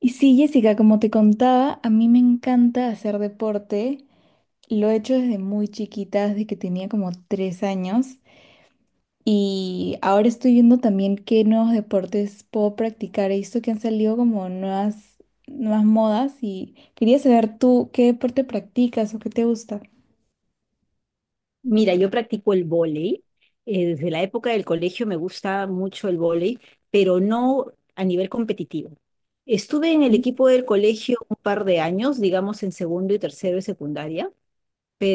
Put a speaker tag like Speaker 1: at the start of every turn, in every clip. Speaker 1: Y sí, Jessica, como te contaba, a mí me encanta hacer deporte. Lo he hecho desde muy chiquita, desde que tenía como 3 años. Y ahora estoy viendo también qué nuevos deportes puedo practicar. He visto que han salido como nuevas modas y quería saber tú qué deporte practicas o qué te gusta.
Speaker 2: Mira, yo practico el vóley. Desde la época del colegio me gusta mucho el vóley, pero no a nivel competitivo. Estuve en el equipo del colegio un par de años, digamos en segundo y tercero de secundaria,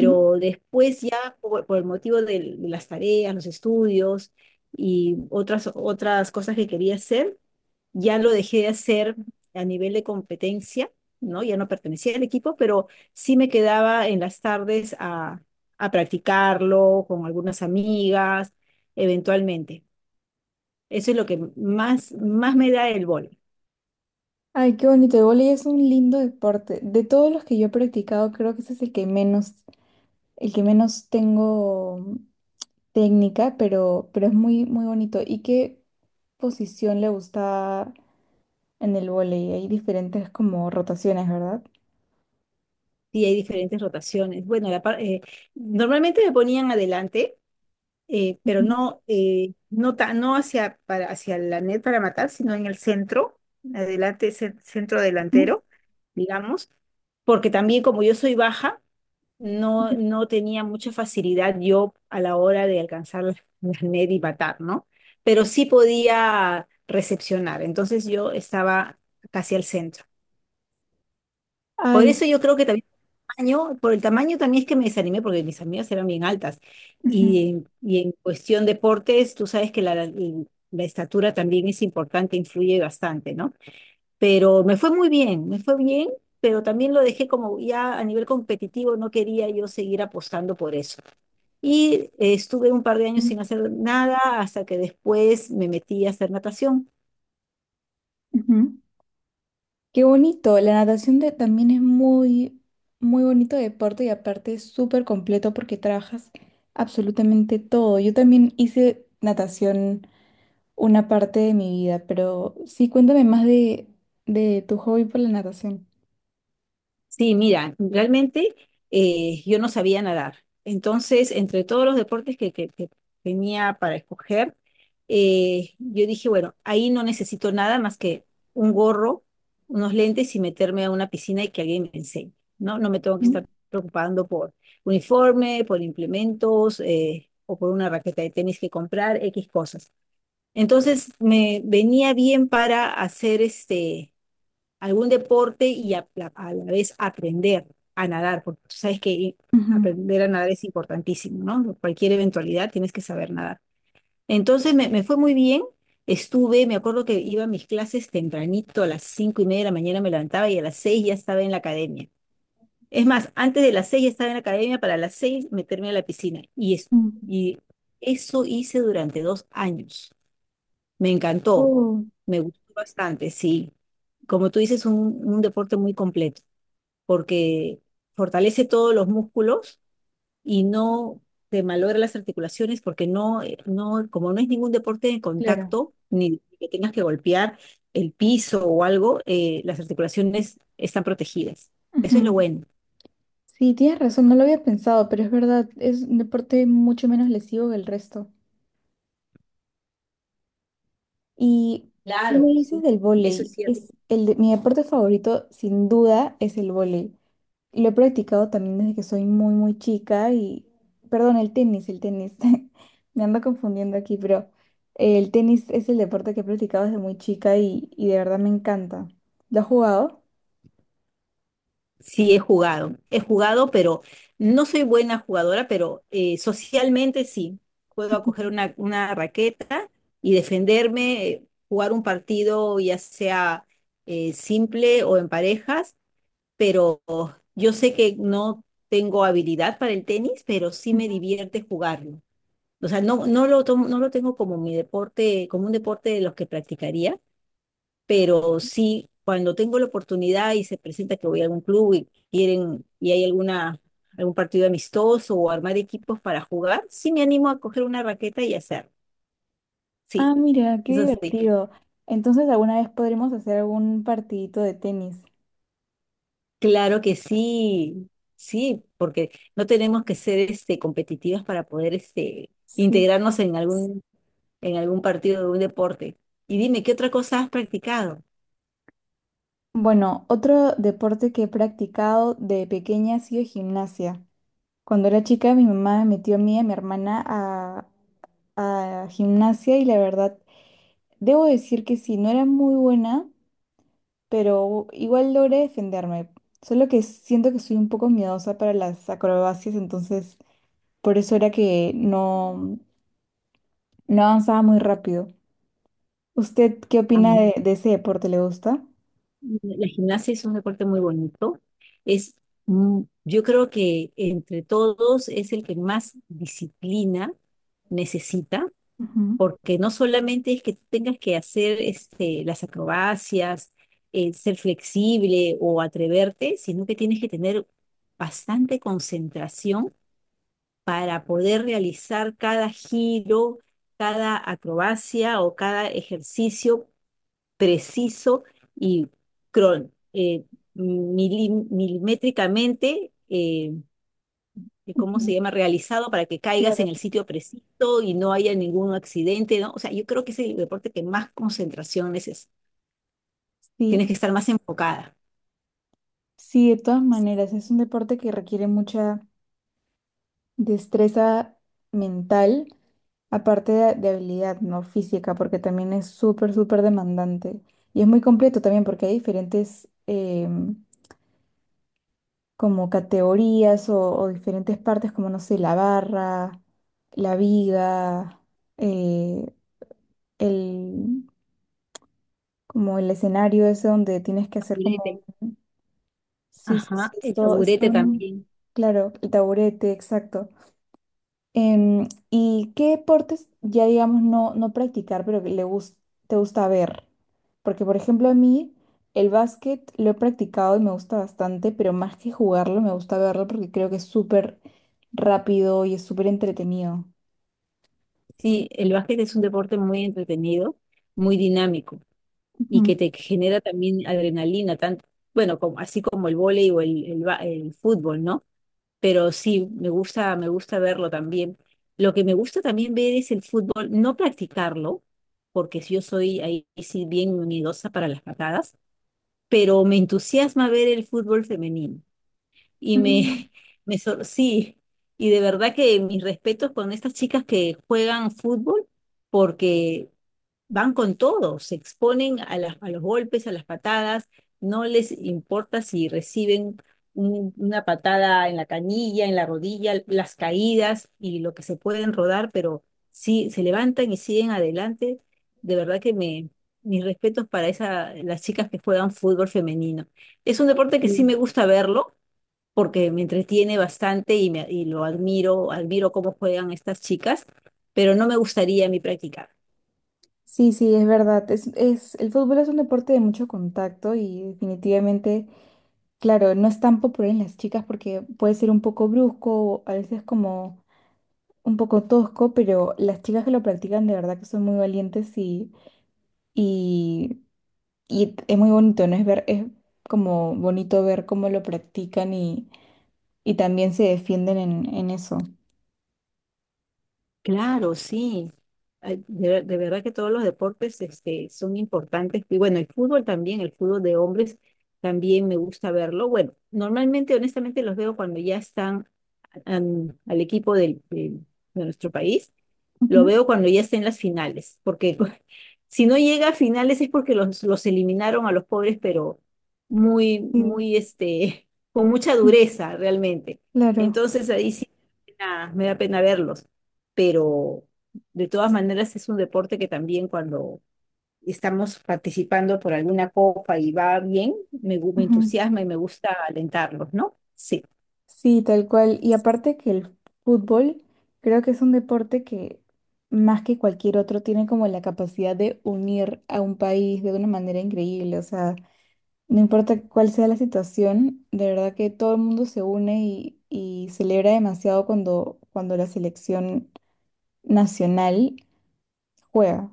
Speaker 1: Ujú.
Speaker 2: después ya por el motivo las tareas, los estudios y otras, otras cosas que quería hacer, ya lo dejé de hacer a nivel de competencia, ¿no? Ya no pertenecía al equipo, pero sí me quedaba en las tardes a practicarlo con algunas amigas, eventualmente. Eso es lo que más, más me da el vóley.
Speaker 1: Ay, qué bonito. El vóley es un lindo deporte. De todos los que yo he practicado, creo que ese es el que menos tengo técnica, pero es muy, muy bonito. ¿Y qué posición le gusta en el vóley? Hay diferentes como rotaciones, ¿verdad?
Speaker 2: Y hay diferentes rotaciones. Bueno, normalmente me ponían adelante, pero
Speaker 1: Ujú,
Speaker 2: no, no, no hacia, hacia la net para matar, sino en el centro, adelante, centro
Speaker 1: ujú,
Speaker 2: delantero, digamos. Porque también como yo soy baja, no, no tenía mucha facilidad yo a la hora de alcanzar la, la net y matar, ¿no? Pero sí podía recepcionar, entonces yo estaba casi al centro. Por
Speaker 1: ay,
Speaker 2: eso yo creo que también por el tamaño también es que me desanimé porque mis amigas eran bien altas.
Speaker 1: ujú,
Speaker 2: Y en cuestión deportes, tú sabes que la estatura también es importante, influye bastante, ¿no? Pero me fue muy bien, me fue bien, pero también lo dejé como ya a nivel competitivo, no quería yo seguir apostando por eso. Y estuve un par de años
Speaker 1: ujú,
Speaker 2: sin hacer nada hasta que después me metí a hacer natación.
Speaker 1: ujú. Qué bonito. La natación también es muy, muy bonito deporte y aparte es súper completo porque trabajas absolutamente todo. Yo también hice natación una parte de mi vida, pero sí, cuéntame más de tu hobby por la natación.
Speaker 2: Sí, mira, realmente yo no sabía nadar. Entonces, entre todos los deportes que tenía para escoger, yo dije, bueno, ahí no necesito nada más que un gorro, unos lentes y meterme a una piscina y que alguien me enseñe, ¿no? No me tengo que estar preocupando por uniforme, por implementos, o por una raqueta de tenis que comprar, X cosas. Entonces, me venía bien para hacer este algún deporte y a la vez aprender a nadar, porque tú sabes que
Speaker 1: Ujú.
Speaker 2: aprender a nadar es importantísimo, ¿no? Cualquier eventualidad tienes que saber nadar. Entonces me fue muy bien, estuve, me acuerdo que iba a mis clases tempranito, a las 5:30 de la mañana me levantaba y a las seis ya estaba en la academia. Es más, antes de las seis ya estaba en la academia para las seis meterme a la piscina. Y, es,
Speaker 1: Ujú.
Speaker 2: y eso hice durante 2 años. Me encantó,
Speaker 1: Oh,
Speaker 2: me gustó bastante, sí. Como tú dices, un deporte muy completo, porque fortalece todos los músculos y no te malogra las articulaciones, porque no, no, como no es ningún deporte de
Speaker 1: claro.
Speaker 2: contacto, ni que tengas que golpear el piso o algo, las articulaciones están protegidas. Eso es lo
Speaker 1: Ujú.
Speaker 2: bueno.
Speaker 1: Sí, tienes razón, no lo había pensado, pero es verdad, es un deporte mucho menos lesivo que el resto. ¿Y qué me
Speaker 2: Claro,
Speaker 1: dices
Speaker 2: sí.
Speaker 1: del
Speaker 2: Eso es
Speaker 1: vóley?
Speaker 2: cierto.
Speaker 1: Es mi deporte favorito, sin duda, es el vóley. Lo he practicado también desde que soy muy, muy chica y, perdón, el tenis, el tenis. Me ando confundiendo aquí, pero el tenis es el deporte que he practicado desde muy chica y de verdad me encanta. ¿Lo has jugado?
Speaker 2: Sí, he jugado. He jugado, pero no soy buena jugadora, pero socialmente sí. Puedo acoger una raqueta y defenderme, jugar un partido ya sea simple o en parejas, pero yo sé que no tengo habilidad para el tenis, pero sí me divierte jugarlo. O sea, no, no lo tengo como mi deporte, como un deporte de los que practicaría, pero sí, cuando tengo la oportunidad y se presenta que voy a algún club y quieren, y hay alguna, algún partido amistoso o armar equipos para jugar, sí me animo a coger una raqueta y hacer. Sí,
Speaker 1: Ah, mira, qué
Speaker 2: eso sí.
Speaker 1: divertido. Entonces, alguna vez podremos hacer algún partidito de tenis.
Speaker 2: Claro que sí, sí, porque no tenemos que ser este, competitivas para poder este,
Speaker 1: Sí.
Speaker 2: integrarnos en algún partido de un deporte. Y dime, ¿qué otra cosa has practicado?
Speaker 1: Bueno, otro deporte que he practicado de pequeña ha sido gimnasia. Cuando era chica, mi mamá me metió a mí y a mi hermana a gimnasia y la verdad, debo decir que sí, no era muy buena, pero igual logré defenderme. Solo que siento que soy un poco miedosa para las acrobacias, entonces por eso era que no avanzaba muy rápido. ¿Usted qué
Speaker 2: Ah,
Speaker 1: opina de ese deporte? ¿Le gusta?
Speaker 2: la gimnasia es un deporte muy bonito. Es, yo creo que entre todos es el que más disciplina necesita,
Speaker 1: Ujú.
Speaker 2: porque no solamente es que tú tengas que hacer este, las acrobacias, ser flexible o atreverte, sino que tienes que tener bastante concentración para poder realizar cada giro, cada acrobacia o cada ejercicio preciso y cron- eh, milimétricamente, ¿cómo se
Speaker 1: Ujú.
Speaker 2: llama? Realizado para que caigas
Speaker 1: Claro.
Speaker 2: en el sitio preciso y no haya ningún accidente, ¿no? O sea, yo creo que es el deporte que más concentración es. Tienes
Speaker 1: Sí,
Speaker 2: que estar más enfocada.
Speaker 1: sí, de todas maneras, es un deporte que requiere mucha destreza mental, aparte de habilidad, ¿no? Física, porque también es súper, súper demandante. Y es muy completo también porque hay diferentes como categorías o diferentes partes como, no sé, la barra, la viga, eh, el, como el escenario ese donde tienes que hacer como...
Speaker 2: Taburete.
Speaker 1: Sí, sí, sí,
Speaker 2: Ajá, el taburete también.
Speaker 1: claro, el taburete, exacto. ¿Y qué deportes ya digamos no practicar, pero que te gusta ver? Porque, por ejemplo, a mí el básquet lo he practicado y me gusta bastante, pero más que jugarlo, me gusta verlo porque creo que es súper rápido y es súper entretenido.
Speaker 2: Sí, el básquet es un deporte muy entretenido, muy dinámico y
Speaker 1: Ujú.
Speaker 2: que te genera también adrenalina, tanto, bueno, como, así como el vóley o el fútbol, ¿no? Pero sí, me gusta verlo también. Lo que me gusta también ver es el fútbol, no practicarlo, porque si yo soy ahí sí bien miedosa para las patadas, pero me entusiasma ver el fútbol femenino. Y me,
Speaker 1: Mm,
Speaker 2: sí, y de verdad que mis respetos con estas chicas que juegan fútbol, porque van con todo, se exponen a, a los golpes, a las patadas, no les importa si reciben una patada en la canilla, en la rodilla, las caídas y lo que se pueden rodar, pero sí se levantan y siguen adelante. De verdad que me, mis respetos para esa, las chicas que juegan fútbol femenino. Es un deporte que sí me
Speaker 1: sí.
Speaker 2: gusta verlo porque me entretiene bastante y, me, y lo admiro, admiro cómo juegan estas chicas, pero no me gustaría a mí practicar.
Speaker 1: Sí, sí, es verdad. El fútbol es un deporte de mucho contacto y definitivamente, claro, no es tan popular en las chicas porque puede ser un poco brusco, a veces como un poco tosco, pero las chicas que lo practican de verdad que son muy valientes y, y es muy bonito, ¿no? Es ver, es como bonito ver cómo lo practican y también se defienden en eso.
Speaker 2: Claro, sí. Ay, de verdad que todos los deportes este, son importantes. Y bueno, el fútbol también, el fútbol de hombres también me gusta verlo. Bueno, normalmente, honestamente, los veo cuando ya están al equipo de nuestro país, lo
Speaker 1: Ujú.
Speaker 2: veo cuando ya esté en las finales, porque si no llega a finales es porque los eliminaron a los pobres, pero muy,
Speaker 1: Sí,
Speaker 2: muy, este, con mucha dureza realmente.
Speaker 1: claro.
Speaker 2: Entonces ahí sí me da pena verlos, pero de todas maneras es un deporte que también cuando estamos participando por alguna copa y va bien, me entusiasma y me gusta alentarlos, ¿no? Sí.
Speaker 1: Sí, tal cual. Y aparte que el fútbol creo que es un deporte que más que cualquier otro tiene como la capacidad de unir a un país de una manera increíble. O sea, no importa cuál sea la situación, de verdad que todo el mundo se une y celebra demasiado cuando la selección nacional juega.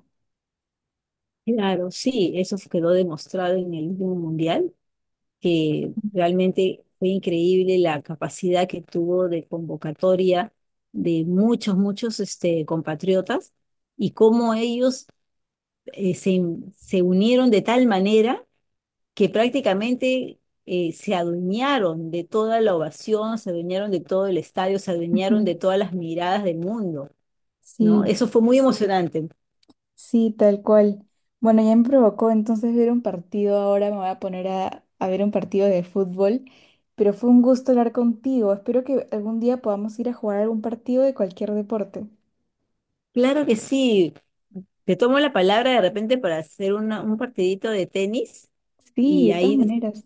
Speaker 2: Claro, sí, eso quedó demostrado en el último mundial, que realmente fue increíble la capacidad que tuvo de convocatoria de muchos, muchos este, compatriotas y cómo ellos eh, se, se unieron de tal manera que prácticamente se adueñaron de toda la ovación, se adueñaron de todo el estadio, se adueñaron de
Speaker 1: Ujú.
Speaker 2: todas las miradas del mundo, ¿no?
Speaker 1: Sí.
Speaker 2: Eso fue muy emocionante.
Speaker 1: Sí, tal cual. Bueno, ya me provocó entonces ver un partido. Ahora me voy a poner a ver un partido de fútbol. Pero fue un gusto hablar contigo. Espero que algún día podamos ir a jugar algún partido de cualquier deporte.
Speaker 2: Claro que sí. Te tomo la palabra de repente para hacer un partidito de tenis
Speaker 1: Sí,
Speaker 2: y
Speaker 1: de todas
Speaker 2: ahí,
Speaker 1: maneras.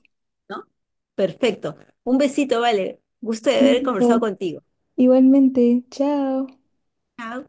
Speaker 2: ¿no? Perfecto. Un besito, vale. Gusto de
Speaker 1: Un
Speaker 2: haber conversado
Speaker 1: besito.
Speaker 2: contigo.
Speaker 1: Igualmente, chao.
Speaker 2: Chao.